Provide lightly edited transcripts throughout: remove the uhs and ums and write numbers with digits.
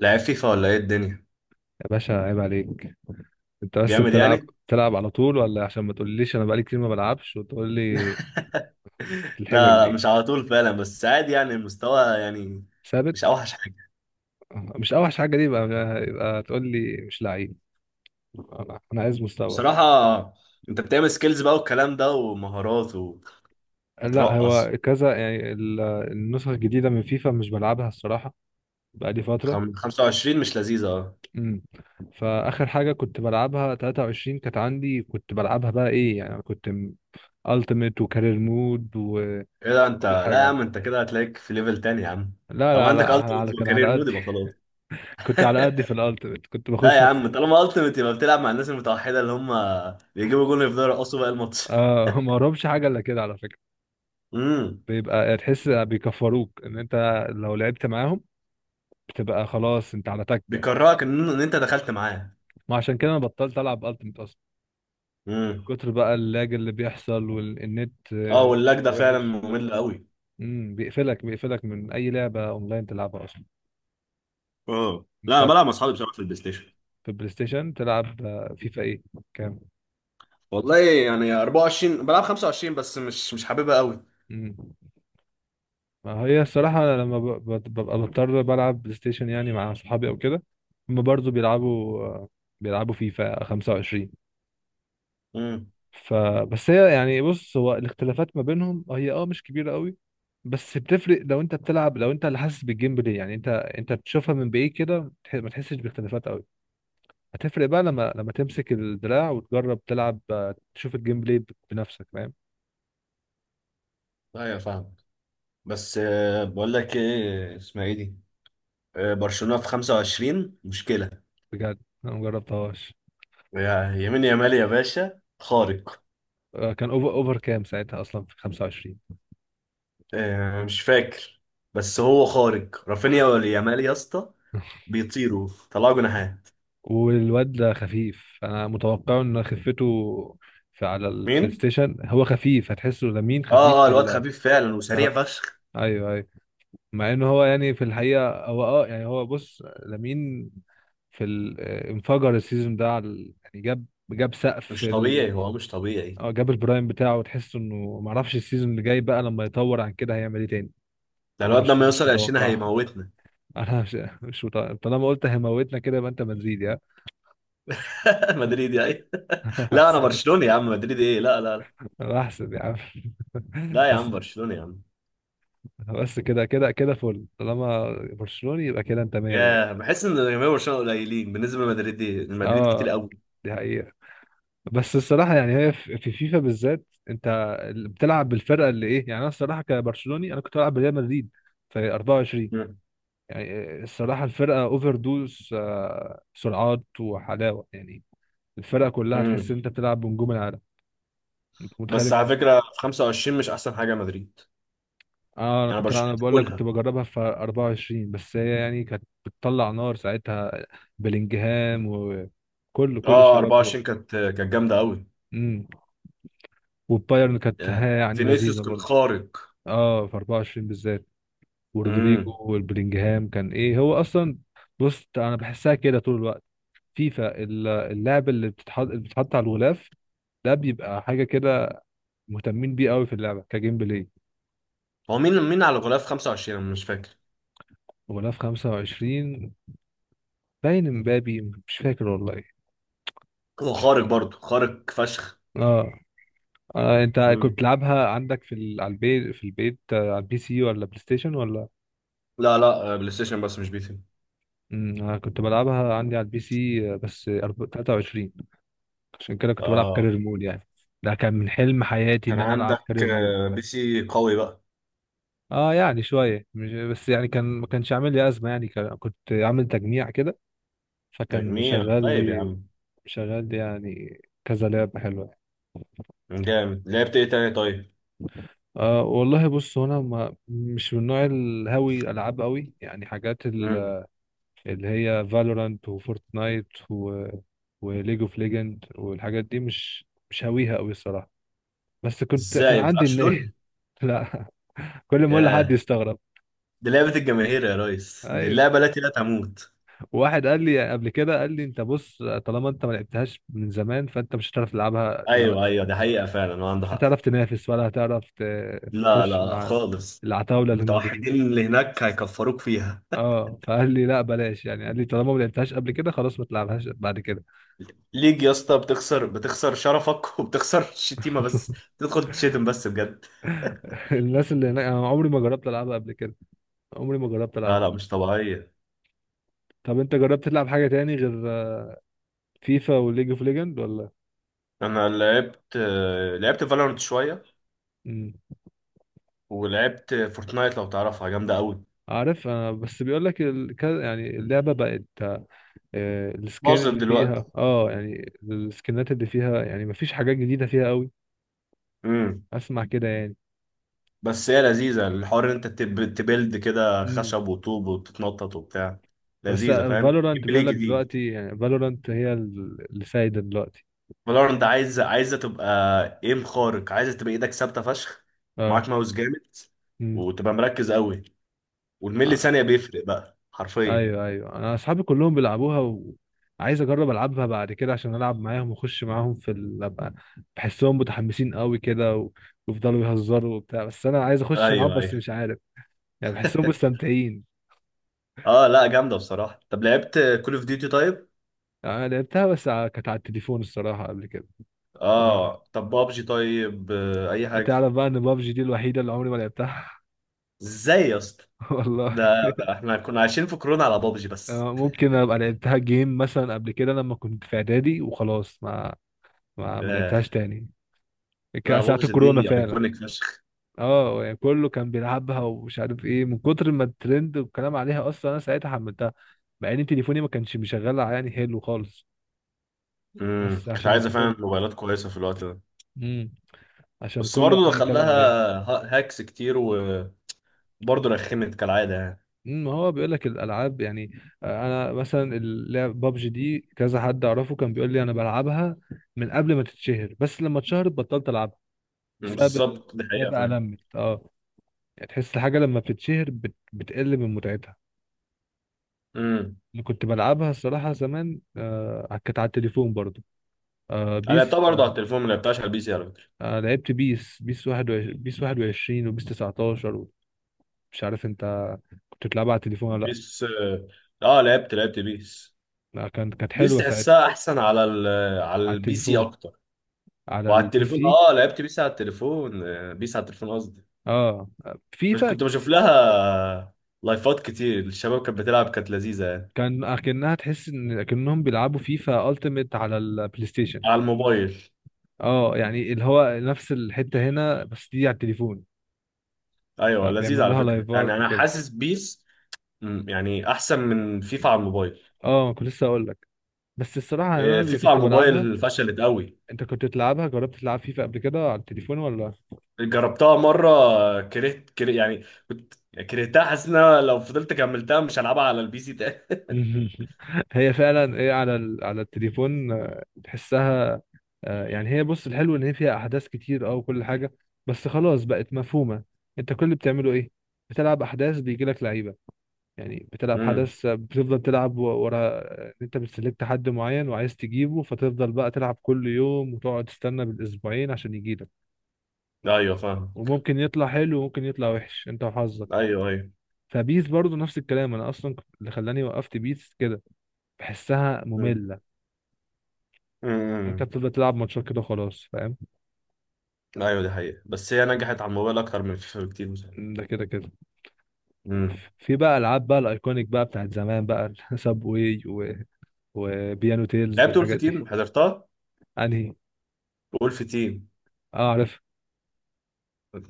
لعيب فيفا ولا ايه الدنيا؟ يا باشا عيب عليك. انت بس جامد بتلعب يعني. بتلعب على طول، ولا عشان ما تقوليش انا بقالي كتير ما بلعبش وتقول لي الحجج لا، لا، دي؟ مش على طول فعلا، بس عادي يعني، المستوى يعني مش ثابت. اوحش حاجه، مش اوحش حاجه دي؟ يبقى تقول لي مش لعيب. انا عايز مستوى. بصراحه. انت بتعمل سكيلز بقى والكلام ده ومهارات لا، هو وبترقص. كذا يعني النسخ الجديده من فيفا مش بلعبها الصراحه، بقالي فتره. 25 مش لذيذه، اه. امم فاخر حاجه كنت بلعبها 23، كانت عندي كنت بلعبها، بقى ايه يعني كنت التيميت وكارير مود ايه ده، انت وكل لا يا عم، حاجه. انت كده هتلاقيك في ليفل تاني يا عم. لا طب لا عندك لا. التيمت على كان وكارير على مود، قد، يبقى خلاص. كنت على قدي في الالتيميت كنت لا يا بخش اخسر. عم، طالما التيمت يبقى بتلعب مع الناس المتوحده اللي هم بيجيبوا جول يفضلوا يرقصوا بقى الماتش. آه ما اهربش حاجه الا كده على فكره. امم. بيبقى تحس بيكفروك ان انت لو لعبت معاهم، بتبقى خلاص انت على تكه. بيكرهك ان انت دخلت معاه. ما عشان كده انا بطلت العب التيميت اصلا، من امم. كتر بقى اللاج اللي بيحصل والنت اه، آه، واللاج ده فعلا وحش. ممل قوي. بيقفلك من اي لعبه اونلاين تلعبها اصلا. اه، لا انت انا بلعب مع اصحابي بصراحه في البلاي ستيشن. في بلاي ستيشن تلعب آه، فيفا ايه؟ كام؟ والله يعني 24 بلعب 25، بس مش حاببها قوي. امم. ما هي الصراحة أنا لما ببقى بضطر بلعب بلاي ستيشن يعني مع صحابي أو كده، هما برضه بيلعبوا فيفا 25. امم. فبس هي يعني بص، هو الاختلافات ما بينهم هي اه مش كبيرة قوي، بس بتفرق لو انت بتلعب، لو انت اللي حاسس بالجيم بلاي. يعني انت بتشوفها من بعيد كده ما تحسش باختلافات قوي. هتفرق بقى لما تمسك الدراع وتجرب تلعب آه، تشوف الجيم بلاي بنفسك، فاهم؟ ايوه، فاهم. بس بقول لك ايه اسمها ايه دي. برشلونة في 25 مشكلة. بجد؟ انا مجربتهاش. يمين يامال يا باشا، خارق. آه، كان اوفر كام ساعتها اصلا في 25؟ مش فاكر. بس هو خارق، رافينيا ولا يامال يا اسطى؟ بيطيروا، طلعوا جناحات. والواد ده خفيف، انا متوقع ان خفته في على البلاي مين؟ ستيشن هو خفيف، هتحسه لمين اه، خفيف اه، في الواد ال... خفيف فعلا وسريع اه. فشخ. ايوه ايوه. مع ان هو يعني في الحقيقه هو اه يعني هو بص لمين في ال... آه، انفجر السيزون ده على يعني جاب سقف مش ال... طبيعي، هو مش طبيعي. اه، جاب البرايم بتاعه، وتحس انه معرفش السيزون اللي جاي بقى لما يطور عن كده هيعمل ايه تاني. ده انا الواد ده مش لما مش يوصل 20 متوقعه هيموتنا. انا مش مش متوقع. طالما قلت هيموتنا كده يبقى انت مدريد يا... مدريدي اي؟ لا انا برشلوني يا عم، مدريدي ايه، لا، لا، لا. انا احسن يا عم. لا يا بس. عم، برشلوني يا عم. بس كده كده كده فل، طالما برشلوني يبقى كده انت مية ياه، مية. بحس ان جماهير برشلونه قليلين بالنسبه لمدريد، دي المدريد كتير اه، قوي. دي حقيقة. بس الصراحة يعني هي في فيفا بالذات، انت اللي بتلعب بالفرقة اللي ايه، يعني انا الصراحة كبرشلوني انا كنت بلعب بريال مدريد في 24. مم. يعني الصراحة الفرقة اوفر دوز آه، سرعات وحلاوة، يعني الفرقة كلها تحس مم. ان انت بتلعب بنجوم العالم. انت بس متخيل؟ على فكره في 25 مش احسن حاجه مدريد، اه، انا يعني كنت انا برشلونه بقول لك كنت تاكلها. بجربها في 24، بس هي يعني كانت بتطلع نار ساعتها، بلينجهام وكل اه، الشباب دول. 24 كانت جامده قوي. امم. والبايرن كانت ياه. ها يعني فينيسيوس لذيذه كان برضو. خارق. اه في 24 بالذات، ورودريجو امم. والبلينجهام كان ايه هو اصلا. بص انا بحسها كده طول الوقت، فيفا اللعب اللي بتتحط على الغلاف ده بيبقى حاجه كده مهتمين بيه قوي في اللعبه كجيم بلاي. هو مين على غلاف 25، انا مش فاكر. غلاف 25 باين امبابي، مش فاكر والله. هو خارق، برضه خارق فشخ. اه. آه، انت كنت مم. بتلعبها عندك في ال... على البيت، في البيت آه، على البي سي ولا بلاي ستيشن ولا؟ لا، لا، بلاي ستيشن بس مش بي امم. انا كنت بلعبها عندي على البي سي آه، بس 23، عشان كده كنت بلعب سي. كارير مود يعني. ده كان من حلم حياتي كان ان انا العب عندك كارير مود. بي سي قوي بقى؟ اه يعني شويه، مش بس يعني كان، ما كانش عامل لي ازمه يعني كان... كنت عامل تجميع كده فكان تجميع، مشغل طيب يا لي، عم. يعني كذا لعبه حلوه يعني. جامد، لعبت ايه تاني طيب؟ آه والله، بص هو انا ما مش من نوع الهاوي العاب قوي يعني، حاجات مم. اللي هي فالورانت وفورتنايت و... وليج اوف ليجند والحاجات دي مش هاويها قوي الصراحه، بس ازاي كان ما عندي بتلعبش النية. لول؟ لا. كل ما اقول لحد ياه. يستغرب. دي لعبة الجماهير يا ريس، دي ايوه، اللعبة التي لا تموت. واحد قال لي قبل كده، قال لي انت بص، طالما انت ما لعبتهاش من زمان فانت مش هتعرف تلعبها ايوه، دلوقتي، ايوه، دي حقيقة فعلا وعنده مش حق. هتعرف تنافس ولا هتعرف لا، تخش لا، مع خالص. العتاوله اللي موجودين. المتوحدين اللي هناك هيكفروك فيها. اه فقال لي لا بلاش يعني، قال لي طالما ما لعبتهاش قبل كده خلاص ما تلعبهاش بعد كده. ليج يا اسطى، بتخسر، بتخسر شرفك وبتخسر الشتيمة بس. تدخل تشتم بس بجد. الناس اللي هناك انا عمري ما جربت العبها قبل كده، عمري ما جربت لا، العب. لا، مش طبيعية. طب انت جربت تلعب حاجه تاني غير فيفا وليج اوف ليجند ولا؟ انا لعبت، لعبت فالورانت شوية. امم. ولعبت فورتنايت، لو تعرفها جامدة قوي. عارف، انا بس بيقول لك ال... يعني اللعبه بقت آه، السكين باظت اللي دلوقتي. فيها اه يعني السكنات اللي فيها، يعني مفيش حاجات جديده فيها قوي. امم. اسمع كده يعني. بس هي لذيذة، الحوار ان انت تبيلد كده امم. خشب وطوب وتتنطط وبتاع. بس لذيذة، فاهم، جيم فالورانت بلاي بيقول لك جديد. دلوقتي، يعني فالورانت هي اللي سايده دلوقتي. فالورنت عايزة تبقى ايم خارق، عايزة تبقى ايدك ثابتة فشخ، اه. معاك ماوس جامد، امم. وتبقى مركز قوي. والملي ثانية بيفرق بقى حرفيا. ايوه ايوه، انا اصحابي كلهم بيلعبوها، وعايز اجرب العبها بعد كده عشان العب معاهم واخش معاهم في ال... ابقى بحسهم متحمسين قوي كده و... ويفضلوا يهزروا وبتاع، بس انا عايز اخش معاهم ايوه، بس ايوه. مش عارف، يعني بحسهم مستمتعين. اه لا جامدة بصراحة. طب لعبت كول اوف ديوتي طيب؟ آه، انا لعبتها بس كانت على التليفون الصراحه قبل كده. ما اه، طب بابجي طيب، اي حاجة. تعرف بقى ان بابجي دي الوحيده اللي عمري ما لعبتها؟ ازاي يا اسطى؟ والله. ده احنا كنا عايشين في كورونا على بابجي بس. آه، ممكن ابقى لعبتها جيم مثلا قبل كده لما كنت في اعدادي، وخلاص ما ما آه. لعبتهاش تاني. كان لا ساعة بابجي الكورونا دي فعلا. ايكونيك فشخ. اه يعني كله كان بيلعبها ومش عارف ايه، من كتر ما الترند والكلام عليها اصلا انا ساعتها حملتها، مع ان تليفوني ما كانش مشغل يعني حلو خالص، امم. بس كانت عشان عايزه فعلا الترند. موبايلات كويسه في الوقت ده. امم. عشان بس كله برضه عمال دخل يتكلم لها عليها. هاكس كتير، وبرضه رخمت كالعاده يعني. امم. ما هو بيقول لك الالعاب يعني آه، انا مثلا اللعب بابجي دي كذا حد اعرفه كان بيقول لي انا بلعبها من قبل ما تتشهر، بس لما اتشهرت بطلت العبها مم، بسبب ال... بالظبط، دي هي حقيقه بقى فعلا. لمت اه، يعني تحس الحاجه لما بتتشهر بتقل من متعتها. امم. اللي كنت بلعبها الصراحة زمان آه كانت على التليفون برضو، آه، انا لعبتها بيس. برضه على التليفون، ما لعبتهاش على البي سي على فكره. آه لعبت بيس، بيس واحد بيس 21 وبيس 19. مش عارف انت كنت بتلعبها على التليفون ولا لأ. بيس، اه. لعبت بيس. لا كانت كانت بيس حلوة ساعتها. تحسها احسن على ال... على على البي سي التليفون، اكتر. على وعلى البي التليفون، سي. اه لعبت بيس على التليفون، بيس على التليفون قصدي. اه، مش فيفا. كنت بشوف لها لايفات كتير، الشباب كانت بتلعب، كانت لذيذة يعني، كان أكنها تحس إن أكنهم بيلعبوا فيفا ألتيميت على البلاي ستيشن. على الموبايل. اه يعني اللي هو نفس الحتة هنا بس دي على التليفون، ايوه فبيعملوا لذيذ، على لها فكرة، يعني لايفات انا وكده. حاسس بيس، مم، يعني احسن من فيفا على الموبايل. اه كنت لسه اقول لك. بس الصراحه انا اللي فيفا على كنت بلعبها. الموبايل فشلت قوي. انت كنت بتلعبها، جربت تلعب فيفا قبل كده على التليفون ولا؟ جربتها مرة، كرهت كره يعني، كنت كرهتها، حاسس ان أنا لو فضلت كملتها مش هلعبها على البي سي تاني. هي فعلا ايه على ال... على التليفون آه، تحسها آه، يعني هي بص، الحلو ان هي فيها احداث كتير اه وكل حاجه، بس خلاص بقت مفهومه. انت كل اللي بتعمله ايه؟ بتلعب احداث بيجي لك لعيبه، يعني بتلعب امم. حدث آه، بتفضل تلعب ورا آه، انت بتسلكت حد معين وعايز تجيبه، فتفضل بقى تلعب كل يوم وتقعد تستنى بالاسبوعين عشان يجيلك، ايوه فاهم. وممكن يطلع حلو وممكن يطلع وحش، انت وحظك. ايوه، ايوه. فبيس برضو نفس الكلام، انا اصلا اللي خلاني وقفت بيس كده، بحسها امم. ممله. انت امم. بتفضل تلعب ماتشات كده خلاص، فاهم؟ ايوه دي حقيقة، بس هي نجحت على الموبايل اكتر من فيفا بكتير بصراحة. ده كده كده. امم. في بقى العاب بقى الايكونيك بقى بتاعت زمان بقى ساب واي و... وبيانو تيلز لعبت ولف والحاجات دي. تيم، حضرتها، انهي؟ وولف تيم؟ اه عارف.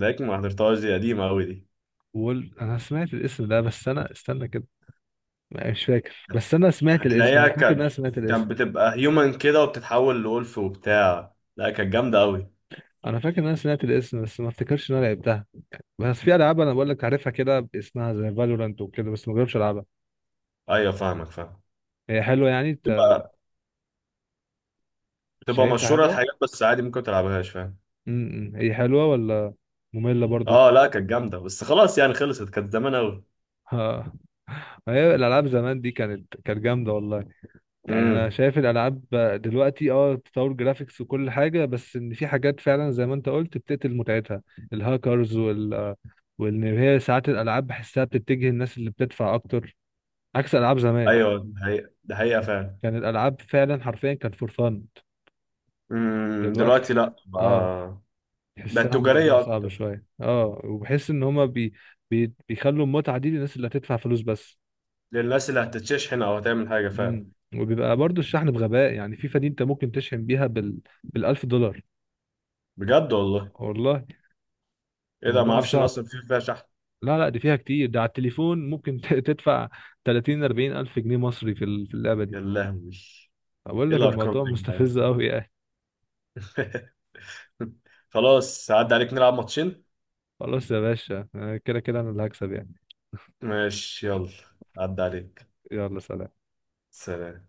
ده ما حضرتهاش، دي قديمة أوي دي. وول، انا سمعت الاسم ده بس انا استنى كده، مش فاكر، بس انا سمعت الاسم، هتلاقيها، انا فاكر ان انا كانت سمعت كانت الاسم. بتبقى هيومن كده وبتتحول لولف وبتاع، لا كانت جامدة أوي. انا فاكر ان انا سمعت الاسم بس ما افتكرش ان انا لعبتها، بس في العاب انا بقول لك عارفها كده باسمها زي فالورانت وكده بس ما جربتش العبها. أيوة فاهمك، فاهم. هي حلوه يعني، بتبقى بتبقى شايفها مشهورة حلوة. الحاجات، بس عادي ممكن تلعبهاش فاهم. امم، هي حلوة ولا مملة برضو؟ اه لا كانت جامدة، بس خلاص يعني خلصت، كانت زمان أوي. ها. ما هي الألعاب زمان دي كانت كانت جامدة والله، يعني أنا امم. شايف الألعاب دلوقتي اه تطور جرافيكس وكل حاجة، بس إن في حاجات فعلا زي ما أنت قلت بتقتل متعتها، الهاكرز وال... وإن هي ساعات الألعاب بحسها بتتجه الناس اللي بتدفع أكتر، عكس ألعاب زمان. أيوة، ده حقيقة، ده حقيقة فعلا. كان الألعاب فعلا حرفيا كان فور فن، امم، دلوقتي دلوقتي لا اه بقى، بقت تحسها موضوع تجارية صعب أكتر، شوية اه، وبحس ان هما بيخلوا المتعة دي للناس اللي هتدفع فلوس بس. للناس اللي هتتشحن أو هتعمل حاجة فعلا. مم. وبيبقى برضو الشحن بغباء، يعني في فدي انت ممكن تشحن بيها بال... بالألف دولار. بجد والله؟ والله. إيه ده، ما موضوع أعرفش إن صعب. أصلا في فيها شحن. لا لا، دي فيها كتير، ده على التليفون ممكن تدفع 30 40 ألف جنيه مصري في في اللعبة دي. يا لهوي، أقول ايه لك الارقام دي الموضوع يا جدعان. مستفز أوي يعني. خلاص، عدى عليك، نلعب ماتشين. خلاص يا باشا آه، كده كده أنا اللي هكسب يعني. ماشي يلا، عدى عليك. يلا سلام. سلام.